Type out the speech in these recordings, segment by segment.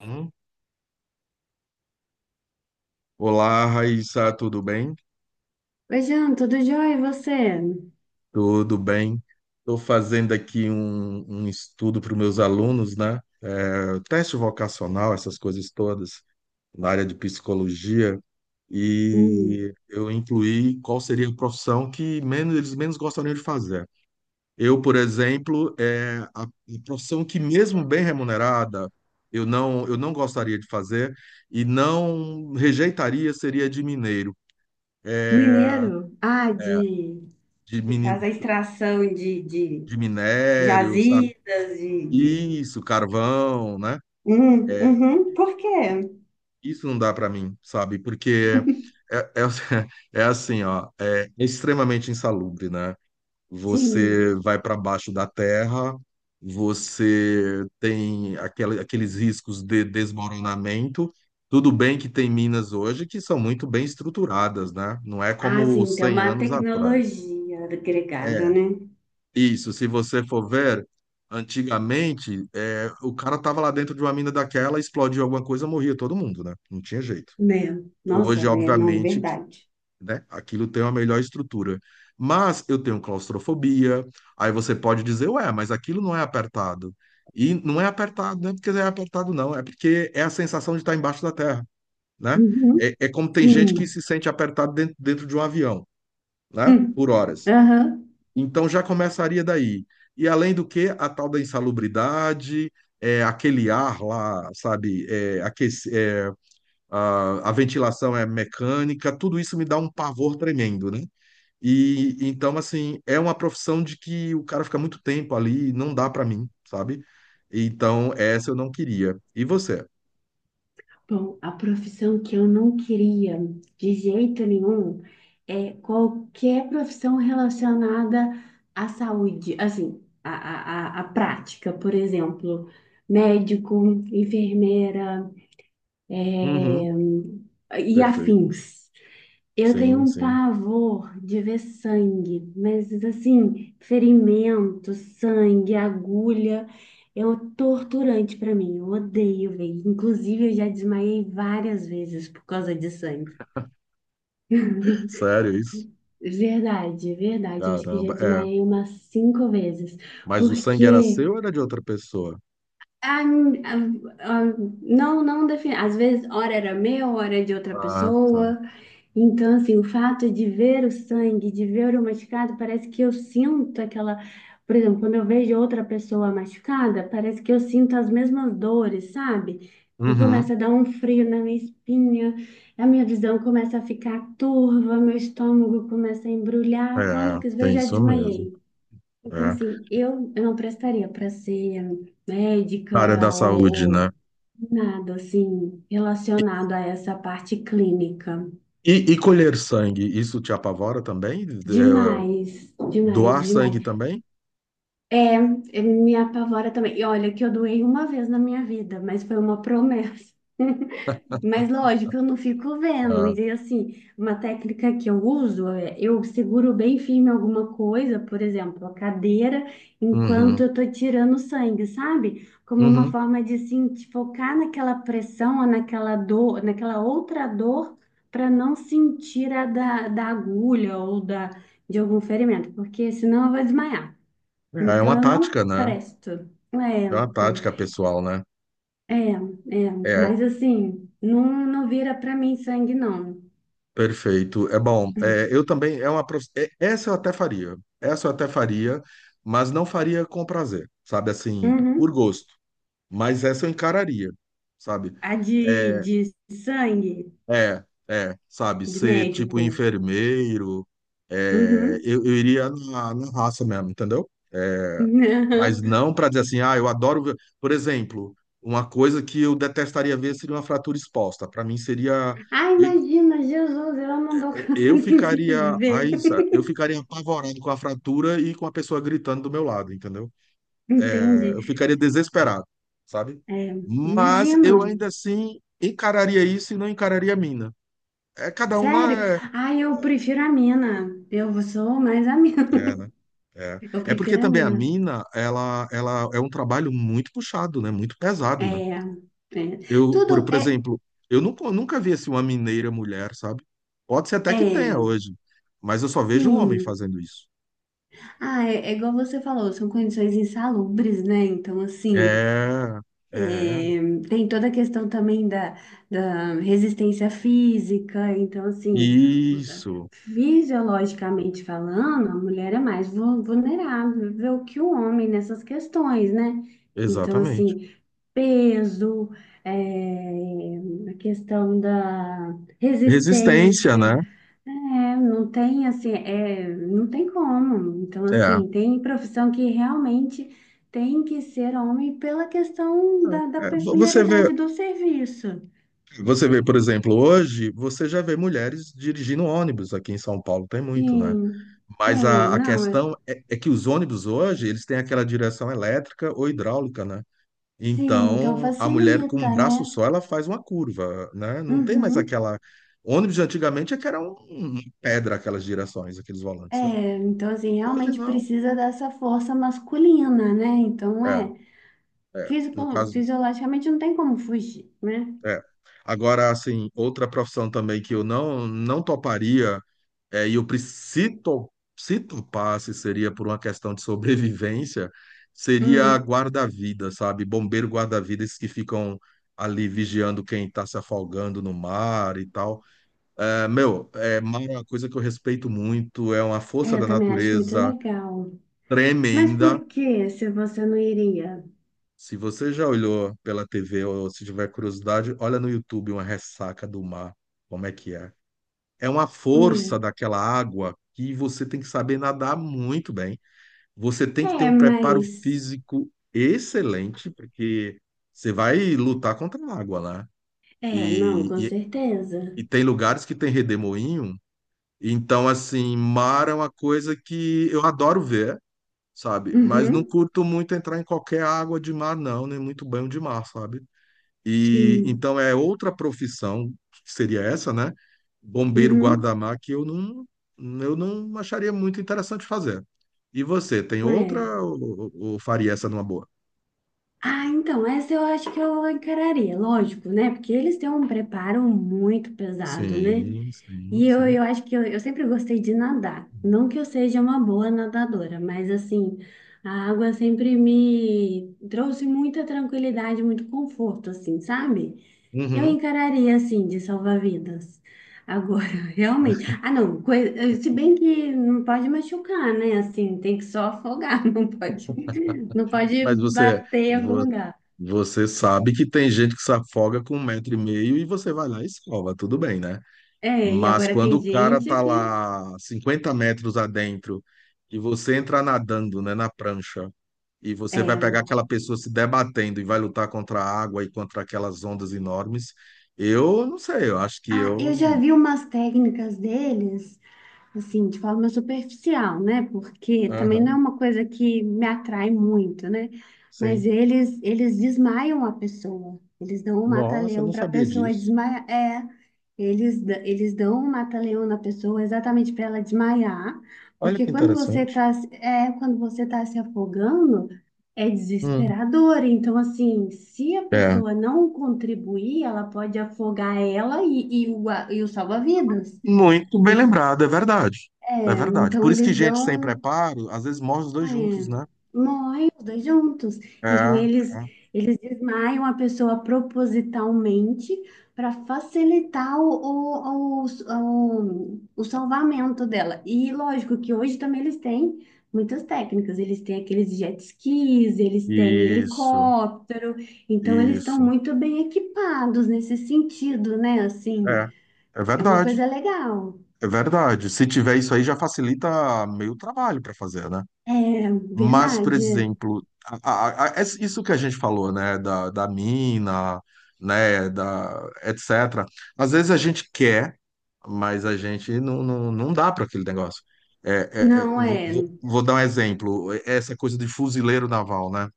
Hum? Olá, Raíssa, tudo bem? Oi, Jean, tudo jóia? E você? Tudo bem. Estou fazendo aqui um estudo para os meus alunos, né? Teste vocacional, essas coisas todas, na área de psicologia. Hum, E eu incluí qual seria a profissão que eles menos gostariam de fazer. Eu, por exemplo, é a profissão que, mesmo bem remunerada, eu não gostaria de fazer e não rejeitaria seria de mineiro, mineiro? Ah, é, de... de Que faz mini- a extração de de minério, sabe? jazidas, de... Isso, carvão, né? É, uhum, por quê? isso não dá para mim, sabe? Porque é, é, é assim, ó, é extremamente insalubre, né? Você Sim. vai para baixo da terra, você tem aqueles riscos de desmoronamento. Tudo bem que tem minas hoje que são muito bem estruturadas, né? Não é Ah, como sim, tem 100 uma anos atrás. tecnologia agregada, É, né? isso, se você for ver, antigamente, o cara tava lá dentro de uma mina daquela, explodiu alguma coisa, morria todo mundo, né? Não tinha jeito. Né? Nossa, Hoje, né? Não, obviamente, verdade. né, aquilo tem uma melhor estrutura. Mas eu tenho claustrofobia, aí você pode dizer, ué, mas aquilo não é apertado. E não é apertado, não é porque é apertado, não, é porque é a sensação de estar embaixo da terra, né? Uhum, É, é como tem gente que sim. se sente apertado dentro de um avião, né? Hum. Por horas. Aham. Então já começaria daí. E além do que, a tal da insalubridade, aquele ar lá, sabe, a ventilação é mecânica, tudo isso me dá um pavor tremendo, né? E então, assim, é uma profissão de que o cara fica muito tempo ali, e não dá para mim, sabe? Então, essa eu não queria. E você? Bom, a profissão que eu não queria de jeito nenhum é qualquer profissão relacionada à saúde, assim, à, à, à prática, por exemplo, médico, enfermeira, Uhum, eh, e perfeito. afins. Eu tenho Sim, um sim. pavor de ver sangue, mas assim, ferimento, sangue, agulha, é um torturante pra mim. Eu odeio ver. Inclusive, eu já desmaiei várias vezes por causa de sangue. Sério isso? Verdade, verdade. Eu acho que eu já Caramba, é. desmaiei umas 5 vezes, Mas o sangue era porque seu ou era de outra pessoa? ah, ah, ah, não, não define. Às vezes, hora era meu, hora era de outra Ah, tá. pessoa. Então, assim, o fato de ver o sangue, de ver o machucado, parece que eu sinto aquela. Por exemplo, quando eu vejo outra pessoa machucada, parece que eu sinto as mesmas dores, sabe? E Uhum. começa a dar um frio na minha espinha, a minha visão começa a ficar turva, meu estômago começa a embrulhar. Quando eu É, quis ver, eu tem já isso mesmo. desmaiei. Então, É. assim, eu não prestaria para ser médica Na área da saúde, ou, né? ou nada, assim, E, relacionado a essa parte clínica. e colher sangue, isso te apavora também? É, Demais, demais, doar demais. sangue também? É, é, me apavora também. E olha que eu doei uma vez na minha vida, mas foi uma promessa. Mas lógico, eu não fico vendo. Ah, E assim, uma técnica que eu uso é eu seguro bem firme alguma coisa, por exemplo, a cadeira, uhum, enquanto eu tô tirando sangue, sabe? Como uma uhum. forma de assim, de focar naquela pressão ou naquela dor, naquela outra dor, para não sentir a da, da agulha ou da, de algum ferimento, porque senão eu vou desmaiar. É, Então uma eu não tática, né? presto. É, É uma eu tática pessoal, né? é, é, É, mas assim, não, não vira pra mim sangue, não. perfeito. É bom. É, eu também, essa eu até faria. Essa eu até faria, mas não faria com prazer, sabe? Assim, por Uhum. gosto. Mas essa eu encararia, sabe? A É, de sangue, sabe, de ser tipo médico. enfermeiro, Uhum. eu, eu iria na raça mesmo, entendeu? É, Uhum. mas não para dizer assim, ah, eu adoro ver. Por exemplo, uma coisa que eu detestaria ver seria uma fratura exposta. Para mim seria. Ah, e- imagina, Jesus, eu não dou conta Eu nem de ficaria. ver. Ai, eu ficaria apavorado com a fratura e com a pessoa gritando do meu lado, entendeu? Entendi. É, eu ficaria desesperado, sabe? É, Mas eu imagina, ainda assim encararia isso e não encararia a mina. É cada um sério. na. Ah, eu prefiro a mina. Eu sou mais a mina. É, né? É. Eu É porque prefiro a também a mina. mina, ela é um trabalho muito puxado, né? Muito pesado, né? É, é. Eu, Tudo por é, exemplo, eu nunca vi assim uma mineira mulher, sabe? Pode ser até que tenha é. hoje, mas eu só vejo um homem Sim. fazendo isso. Ah, é, é igual você falou, são condições insalubres, né? Então, assim, É, é, é, tem toda a questão também da, da resistência física. Então, assim, isso, fisiologicamente falando, a mulher é mais vulnerável que o homem nessas questões, né? Então, exatamente. assim, peso, eh, a questão da Resistência, resistência. né? É, não tem assim, é, não tem como. Então, É. assim, tem profissão que realmente tem que ser homem pela questão da, da É, vo- Você vê, peculiaridade do serviço. você vê, por exemplo, hoje você já vê mulheres dirigindo ônibus aqui em São Paulo, tem muito, né? Sim, Mas tem, a não, é- questão é que os ônibus hoje, eles têm aquela direção elétrica ou hidráulica, né? sim, então Então, a mulher com um facilita, braço né? só, ela faz uma curva, né? Não tem mais Uhum. aquela... Ônibus de antigamente é que era uma pedra aquelas direções, aqueles volantes, né? É, então assim, Hoje realmente não. precisa dessa força masculina, né? Então É, é, é. No caso, fisiologicamente não tem como fugir, né? é. Agora, assim, outra profissão também que eu não toparia. É, e o pri- se, to- se topasse, seria por uma questão de sobrevivência, seria Hum, guarda-vida, sabe? Bombeiro guarda-vida, esses que ficam ali vigiando quem está se afogando no mar e tal. É, meu, mar é uma coisa que eu respeito muito, é uma força é, eu da também acho muito natureza legal. Mas tremenda. por que se você não iria? Se você já olhou pela TV ou se tiver curiosidade, olha no YouTube uma ressaca do mar, como é que é? É uma força Hum. daquela água que você tem que saber nadar muito bem. Você tem que ter É, um preparo mas. físico excelente, porque você vai lutar contra a água lá. É, não, E, com e, e certeza. tem lugares que tem redemoinho, então, assim, mar é uma coisa que eu adoro ver, sabe? Mas não Uhum, curto muito entrar em qualquer água de mar, não, nem muito banho de mar, sabe? E sim. então é outra profissão, que seria essa, né? Bombeiro Uhum, guarda-mar, que eu não acharia muito interessante fazer. E você, tem é. outra ou, faria essa numa boa? Ah, então, essa eu acho que eu encararia, lógico, né? Porque eles têm um preparo muito pesado, né? Sim, sim, E eu, sim. eu acho que eu sempre gostei de nadar. Não que eu seja uma boa nadadora, mas assim, a água sempre me trouxe muita tranquilidade, muito conforto, assim, sabe? Eu Uhum. encararia assim, de salvar vidas. Agora, realmente. Ah, não, se bem que não pode machucar, né? Assim, tem que só afogar, não pode, não pode Mas bater em algum vo- lugar. você sabe que tem gente que se afoga com um metro e meio e você vai lá e salva, tudo bem, né? É, e Mas agora quando tem o cara gente tá que. lá 50 metros adentro e você entra nadando, né, na prancha. E você vai É. pegar aquela pessoa se debatendo e vai lutar contra a água e contra aquelas ondas enormes. Eu não sei, eu acho que Ah, eu eu. já vi umas técnicas deles, assim, de forma superficial, né? Porque também não é Aham, uma coisa que me atrai muito, né? Mas sim. eles desmaiam a pessoa. Eles dão um Nossa, eu mata-leão não para a sabia pessoa disso. desmaiar. É, eles dão um mata-leão na pessoa exatamente para ela desmaiar, Olha porque que quando você interessante. tá, é, quando você tá se afogando, é Hum, desesperador. Então, assim, se a é. pessoa não contribuir, ela pode afogar ela e o, e o salva-vidas. Muito bem lembrado, é verdade. É É, verdade. então Por isso que eles gente sem dão, preparo, às vezes morre os dois juntos, é, né? morrem os dois juntos. É, Então é. eles desmaiam a pessoa propositalmente para facilitar o, o, o salvamento dela. E lógico que hoje também eles têm muitas técnicas. Eles têm aqueles jet skis, eles têm Isso, helicóptero. Então eles estão isso. muito bem equipados nesse sentido, né? Assim, É, é é uma verdade. coisa legal. É verdade. Se tiver isso aí, já facilita meio trabalho para fazer, né? É Mas, por verdade. exemplo, isso que a gente falou, né, da mina, né, etc. Às vezes a gente quer, mas a gente não dá para aquele negócio. Não vou, é. vou- vou dar um exemplo, essa coisa de fuzileiro naval, né?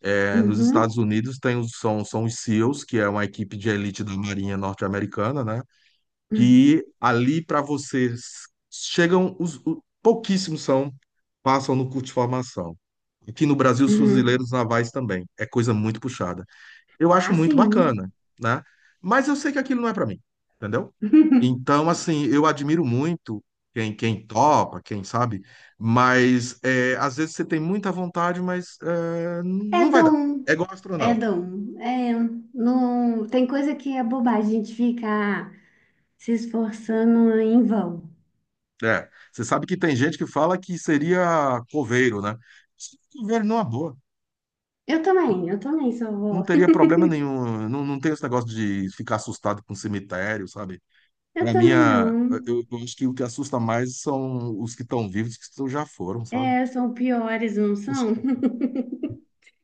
É, nos Uhum, Estados Unidos são os SEALs, que é uma equipe de elite da Marinha norte-americana, né? uhum, Que ali para vocês chegam pouquíssimos são passam no curso de formação. Aqui no Brasil, os uhum. fuzileiros navais também. É coisa muito puxada. Eu acho Ah, muito sim. bacana, né? Mas eu sei que aquilo não é para mim, entendeu? Então, assim, eu admiro muito quem topa, quem sabe, mas é, às vezes você tem muita vontade, mas é, É não vai dar. dom, É igual é astronauta. dom. É, não, tem coisa que é bobagem, a gente fica se esforçando em vão. É, você sabe que tem gente que fala que seria coveiro, né? Coveiro numa boa, Eu também sou não vó. teria problema nenhum. Não, não tem esse negócio de ficar assustado com cemitério, sabe? Eu Pra mim, também a- não. eu, eu acho que o que assusta mais são os que estão vivos, que já foram, sabe? É, são piores, não são?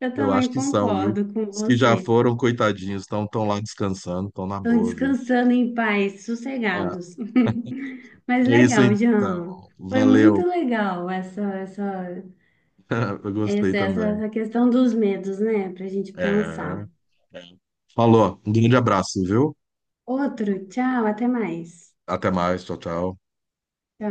Eu Eu acho também que são, viu? concordo com Os que já você. foram, coitadinhos, estão tão tão lá descansando, estão na Estão boa, viu? descansando em paz, É, sossegados. Mas é isso legal, Jean. então. Foi muito Valeu. legal essa, essa. Eu gostei Essa, essa, também. essa questão dos medos, né? Pra gente pensar. É, é. Falou, um grande abraço, viu? Outro, tchau, até mais. Até mais, tchau, tchau. Tchau.